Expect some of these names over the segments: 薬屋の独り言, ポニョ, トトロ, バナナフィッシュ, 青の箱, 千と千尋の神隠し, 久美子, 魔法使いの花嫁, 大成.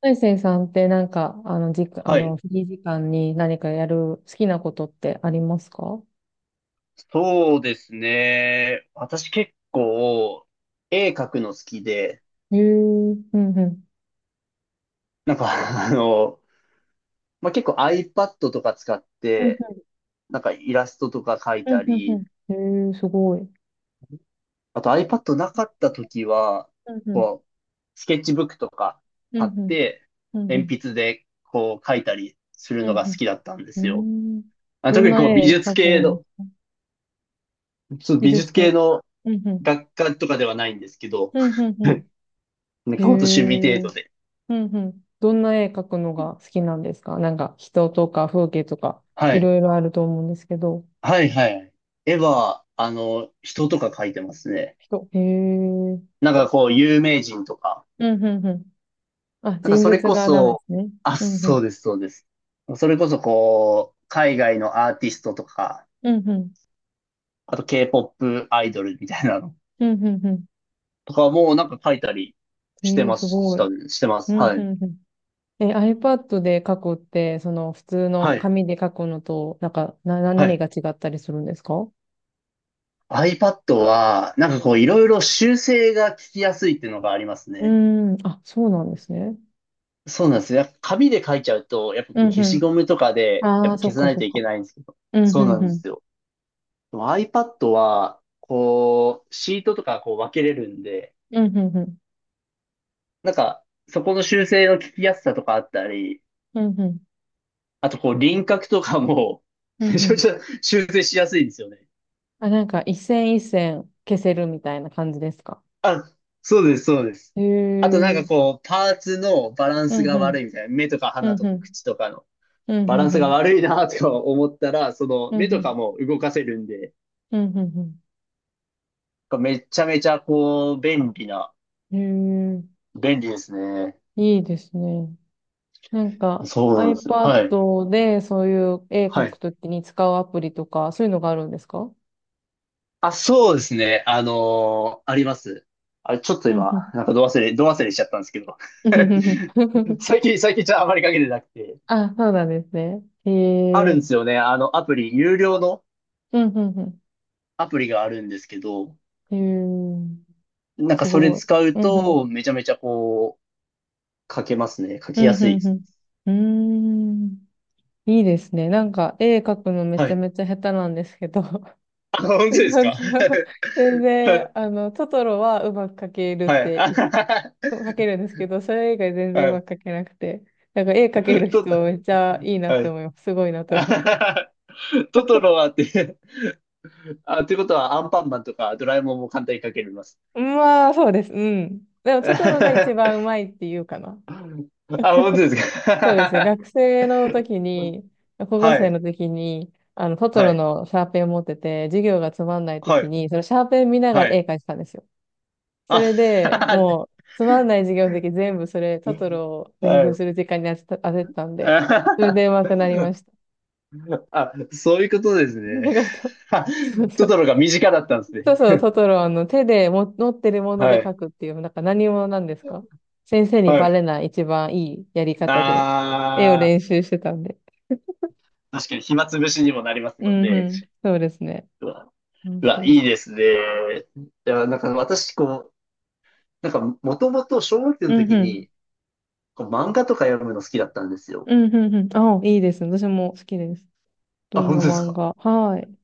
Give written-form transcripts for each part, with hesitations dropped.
大成さんってなんか、はい。フリー時間に何かやる好きなことってありますか？そうですね。私結構、絵描くの好きで、へえ、うんうん。なんか あの、まあ、結構 iPad とか使っうんうて、ん、なんかイラストとか描いうたんうんり、うん。へえ、すごい。あと iPad なかった時は、うんうん、こう、スケッチブックとかう買っんうん、て、うんう鉛ん、筆でこう描いたりするうのが好んきだったんでうすよ。ん。うーん。あ、どん特になこう美絵術描く系んでの、すか？ちょっと美美術術系系。のうんうん、学科とかではないんですけど、うんうんうん。なんへかほんと趣味え、程度で。うんうん。どんな絵描くのが好きなんですか？なんか人とか風景とか、はいい。ろいろあると思うんですけど。はいはい。絵は、人とか描いてますね。人。へえ、うんなんかこう、有名人とか。うんうん。あ、なんか人それ物こ画なんでそ、すね。あ、うんうそん。うです、そうです。それこそこう、海外のアーティストとか、うんうん。あと K-POP アイドルみたいなのうんうんうとかもなんか描いたりん。してええ、ますしごい。たね、してまうす。んはうい。んうん。え、iPad で書くって、その普通のはい。紙で書くのと、なんか、は何い。が違ったりするんですか？う iPad は、なんかこう、いろいろ修正が効きやすいっていうのがありますーね。ん。あ、そうなんですね。そうなんですよ。やっぱ紙で書いちゃうと、やっぱうこうん消しうゴムとかん。で、やあっあ、ぱそ消っさかないそとっいけか。ないんですけど。うんうそうなんんうでん。すよ。でも iPad は、こう、シートとかこう分けれるんで、うんうんうん。なんか、そこの修正の聞きやすさとかあったり、うんうん。あとこう輪郭とかも、うめんうちゃめん。ちゃ修正しやすいんですよね。あ、なんか、一線一線消せるみたいな感じですか？あ、そうです、そうです。へあとなんかえ。こう、パーツのバランうスんがうん。悪いみたいな。目とか鼻うんとうかん。口とかのうんうバランんうスがん。悪いなとか思ったら、そのう目んうとかん。も動かせるんで、うんうんめちゃめちゃこう、便利な、うん。へえ。便利ですね。いいですね。なんか そうなんですよ。はい。iPad でそういう絵描はくい。ときに使うアプリとか、そういうのがあるんですか？あ、そうですね。あります。ちょっとうん今、うん。なんかど忘れしちゃったんですけど。うんうんうん。 最近ちょっとあまりかけてなくて。あ、そうなんですね。へあるえ。んですよね。アプリ、有料のうんうんアプリがあるんですけど、うん。へえ。なんすかそれごい。使ううんうん。と、めちゃめちゃこう、書けますね。書うきやんすいうです。んうん。うーん。いいですね。なんか絵描くのめはちゃい。めちゃ下手なんですけど。あ、本当ですなんか？ か全 然、はトトロはうまく描けるっい。てあはは描けるんですけど、それ以外全は然うは。まい。く描けなくて。なんか絵描ちけるょっ人めと、っちゃいいなっはてい。思います。すごいなって思あはいはます。は。トトロはって、あ、ということはアンパンマンとかドラえもんも簡単にかけれます？まあ、そうです。うん。でも、トトロが一 あ、番うまいっていうかな。本当ですそうですね。か。学生の時 に、高校は生い、の時に、トトはロい、のシャーペンを持ってて、授業がつまんないは時い、に、そのシャーペン見ながはら絵い。描いてたんですよ。そあ、れ で、もう、つまんない授業の時全部それ、トトロを練は習い。する時間に当ててたんで、それで上手くなりました。あ、そういうことです あね。りがとう。そう そトトうロが身近だったんですね。そうそう、トトロの手でも持ってるものはで書い、くっていう、なんか何者なんですか？先生にはバい。レない一番いいやり方で、絵をあ練習してたんで。あ、確かに暇つぶしにもなりますうもんんうね。ん。そうですね。うわ、うんうわ、そういそいですね。いや、なんか私、こう、なんか、もともと小学生うのうん時うん。に、こう漫画とか読むの好きだったんですよ。うんうんうん。あ、いいですね。私も好きです。どあ、んな本当です漫か。画？はい。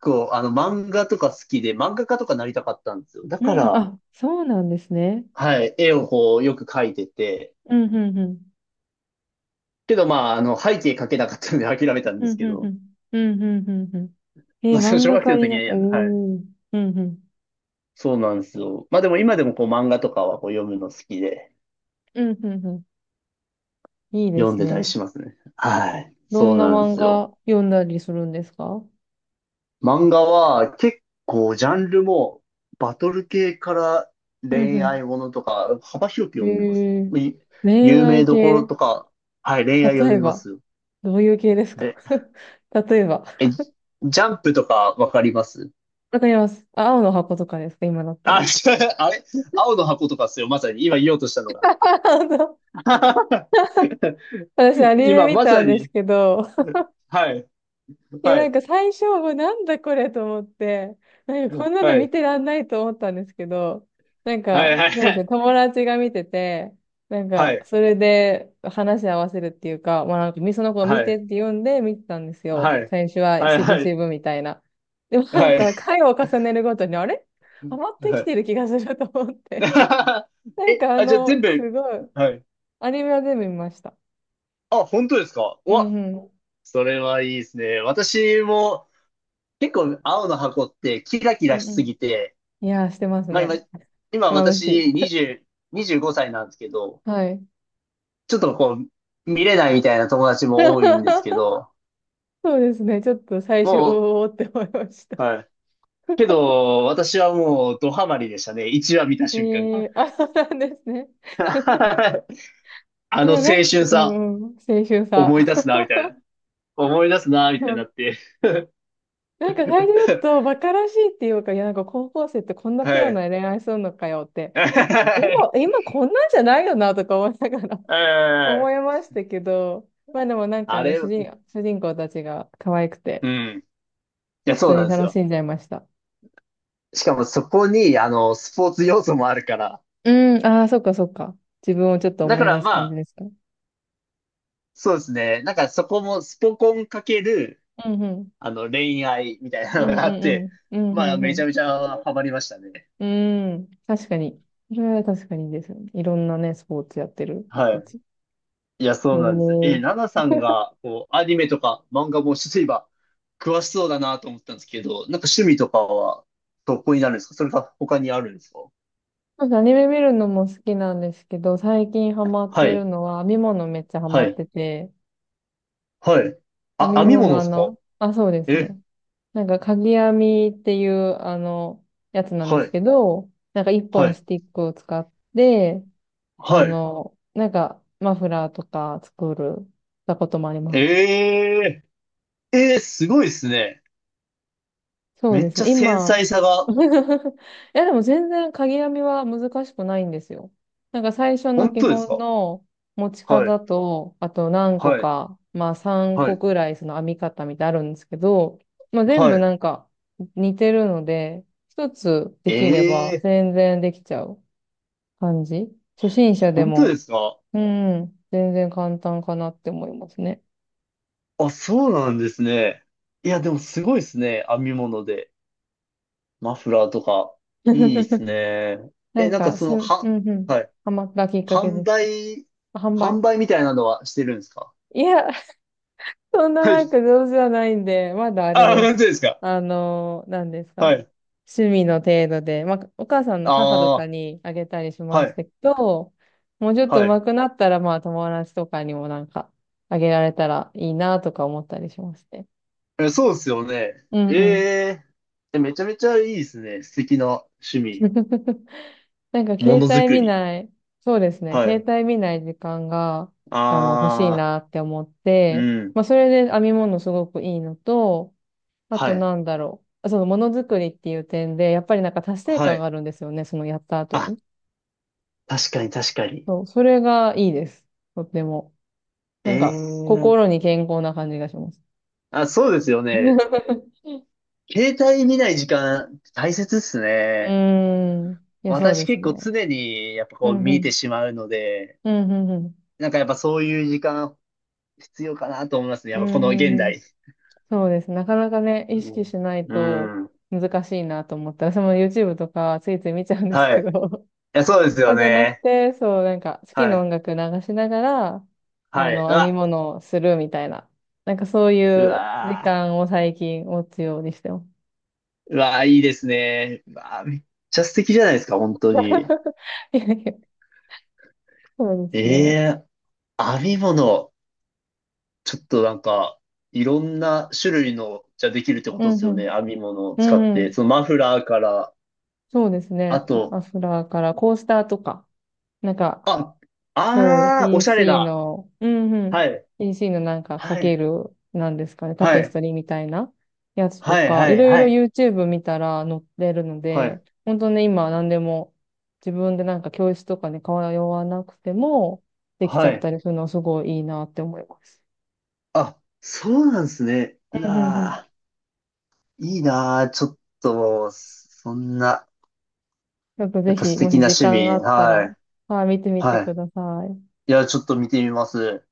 こう、漫画とか好きで、漫画家とかなりたかったんですよ。だうかんうん。ら、あ、そうなんですね。はい、絵をこう、よく描いてて、うんうんうん。けど、まあ、背景描けなかったので諦めたんうですんけうんうど、ん。うんうんうんうん。えまー、あ、その漫小画学生家のに時に、な、はい、おー。うんうん。そうなんですよ。まあ、でも今でもこう、漫画とかはこう、読むの好きで、うんうんうん。いいで読んすでたりね。しますね。はい、どそんうななんで漫すよ。画読んだりするんですか？漫画は結構ジャンルもバトル系からうん恋う愛ものとか幅広くん。読んでます。えー、い、恋有名愛どころ系、とか、はい、恋愛読例えみまば、すよ。どういう系ですか？ で、例えば、え、ジャンプとかわかります？わかります。あ、青の箱とかですか、今だったあ、ら？違う、あれ 青の箱とかっすよ、まさに。今言おうとしたのが。本当？ 私、アニメ今見またさんですに。けど、はい、いや、はなんい、か最初はなんだこれと思って、なんかはこんなの見い、てらんないと思ったんですけど、なんはか、い、はそうですね、い、友達が見てて、なんはか、い、それで話し合わせるっていうか、まあなんか、みその子をは見てい、って読んで見てたんですよ。はい、最初はしぶはしい、ぶみたいな。でもなはんい、はい。か、回を重ねるごとに、あれ余ってはきい。 てる気がすると思って。なんえ、かあ、じゃあ全す部、ごい、はい。アニメは全部見ました。あ、本当ですか？ううんわ、うん。それはいいですね。私も結構青の箱ってキラキうラしんうすん。ぎて、いやー、してますまあ今、ね。今眩し私い。20、25歳なんですけど、はい。ちょっとこう、見れないみたいな友達も多いんですけ ど、そうですね。ちょっと最初、もおーって思いました。う、はい。けど、私はもうドハマりでしたね。1話見た え瞬間から。ー、あ、そうなんですね。あいの青や、なんか、春うさ、んうん、青春思いさ。出すな、みたいな。思い出すな、みたいうになん、って。なんか最初だ とバカらしいっていうか、いや、なんか高校生ってこんなピはュアい。な恋愛するのかよって、う今こんなんじゃないよなとか思いながら、 ん、 思いましたけど、まあでもなんかあね、れ、主人公たちが可愛くて、うん。いや、普そう通なにんです楽しよ。んじゃいました。しかもそこに、スポーツ要素もあるから。うん、ああ、そっかそっか。自分をちょっとだ思かい出らすま感じあ、ですか。そうですね。なんかそこもスポコンかける、うんうん。恋愛みたいなうのんうがあっんて、うん。うんまあ、うんうめちゃん。めちゃハマりましたね。うん。確かに。それは確かにですよね。いろんなね、スポーツやってるは人い。たち。いや、へそうなんです。え、え。ナナさんが、こう、アニメとか漫画も例えば、詳しそうだなと思ったんですけど、なんか趣味とかは、どこになるんですか？それか他にあるんですか？なんかアニメ見るのも好きなんですけど、最近ハマっはてるい。のは編み物、めっちゃハはマっい。てて、はい。編あ、み編み物物ですか？あ、そうですえ、ね。なんかかぎ編みっていうあの、やつなんではすい、けど、なんか一は本い、スティックを使って、はい。なんかマフラーとか作る、たこともあります。えー、えー、すごいですね。そうめでっすちゃね。繊今、細さ が、いやでも全然鍵編みは難しくないんですよ。なんか最初の本基当です本か？の持ちはい、方と、あと何個はい、か、まあ3は個い、くらいその編み方みたいなのあるんですけど、まあ全部はなんか似てるので、一つでい。きればえー、全然できちゃう感じ。初心者で本当でも、すか？うん、全然簡単かなって思いますね。あ、そうなんですね。いや、でもすごいですね。編み物で。マフラーとか。いいです ね。なえ、んなんかかその、うは、んうん、はい。ハマったきっかけ販です。売、販販売。売みたいなのはしてるんですか？いや、そんなはない。んか上手じゃないんで、まだあれあ、です。本当ですか？何ですはか。い。趣味の程度で、まあ、お母さんの母とかああ。にあげたりしまはしい、たけど、もうちょっとは上い。手くなったら、まあ友達とかにもなんかあげられたらいいなとか思ったりしますね。え、そうですよね。うんえ、うん。え、え、めちゃめちゃいいですね。素敵な趣味。なんかも携のづ帯く見り。ない、そうですね、は携い。帯見ない時間が、欲しいああ、なって思って、うん。まあ、それで編み物すごくいいのと、あはとい、なんだろう。そのものづくりっていう点で、やっぱりなんか達成は感がい。あるんですよね。そのやった後あ、に。確かに確かに。そう、それがいいです。とっても。なんか、え、え、心に健康な感じがします。あ、そうですよ ね。う携帯見ない時間大切っすね。ーん。いや、そう私です結構ね。常にやっぱうこうん、う見てん。しまうので、うん、うん、うん。なんかやっぱそういう時間必要かなと思いますね。やうっぱこんのう現んうん。代。そうです。なかなかね、意識しないうとん。うん、難しいなと思って、私も YouTube とかついつい見ちゃうんですはい。けど、いや、そうですそようじゃなくね。て、そう、なんか好きはない。音楽流しながら、はい。う編みわ、物をするみたいな。なんかそういうう時わ間を最近持つようにしてます。ー、うわー、いいですね。うわー、めっちゃ素敵じゃないですか、本当に。いやいや、そうですえ、ね。えー、編み物。ちょっとなんか、いろんな種類の、じゃできるってこうとでんすうよね。ん。編み物をう使っんうて。ん。そのマフラーから、そうですあね。まあと、アスラーからコースターとか、なんか、あ、そう、あー、おしゃれ PC な。の、うんうん。はい。PC のなんかかはけい。る、なんですかね、タはペスい。トリーみたいなやつとはい。か、はいい。ろいはろ い。YouTube 見たら載ってるのはで、い。本当ね、今何でも自分でなんか教室とかに通わなくてもできちはゃっい。たりするのはすごいいいなって思います。あ、そうなんですね。ううんうんうん。わー、いいなー。ちょっと、そんな。ちょっとやぜっぱひ、素も敵しな時趣間があ味。ったはら、い。はい、見てみてはい。ください。いや、ちょっと見てみます。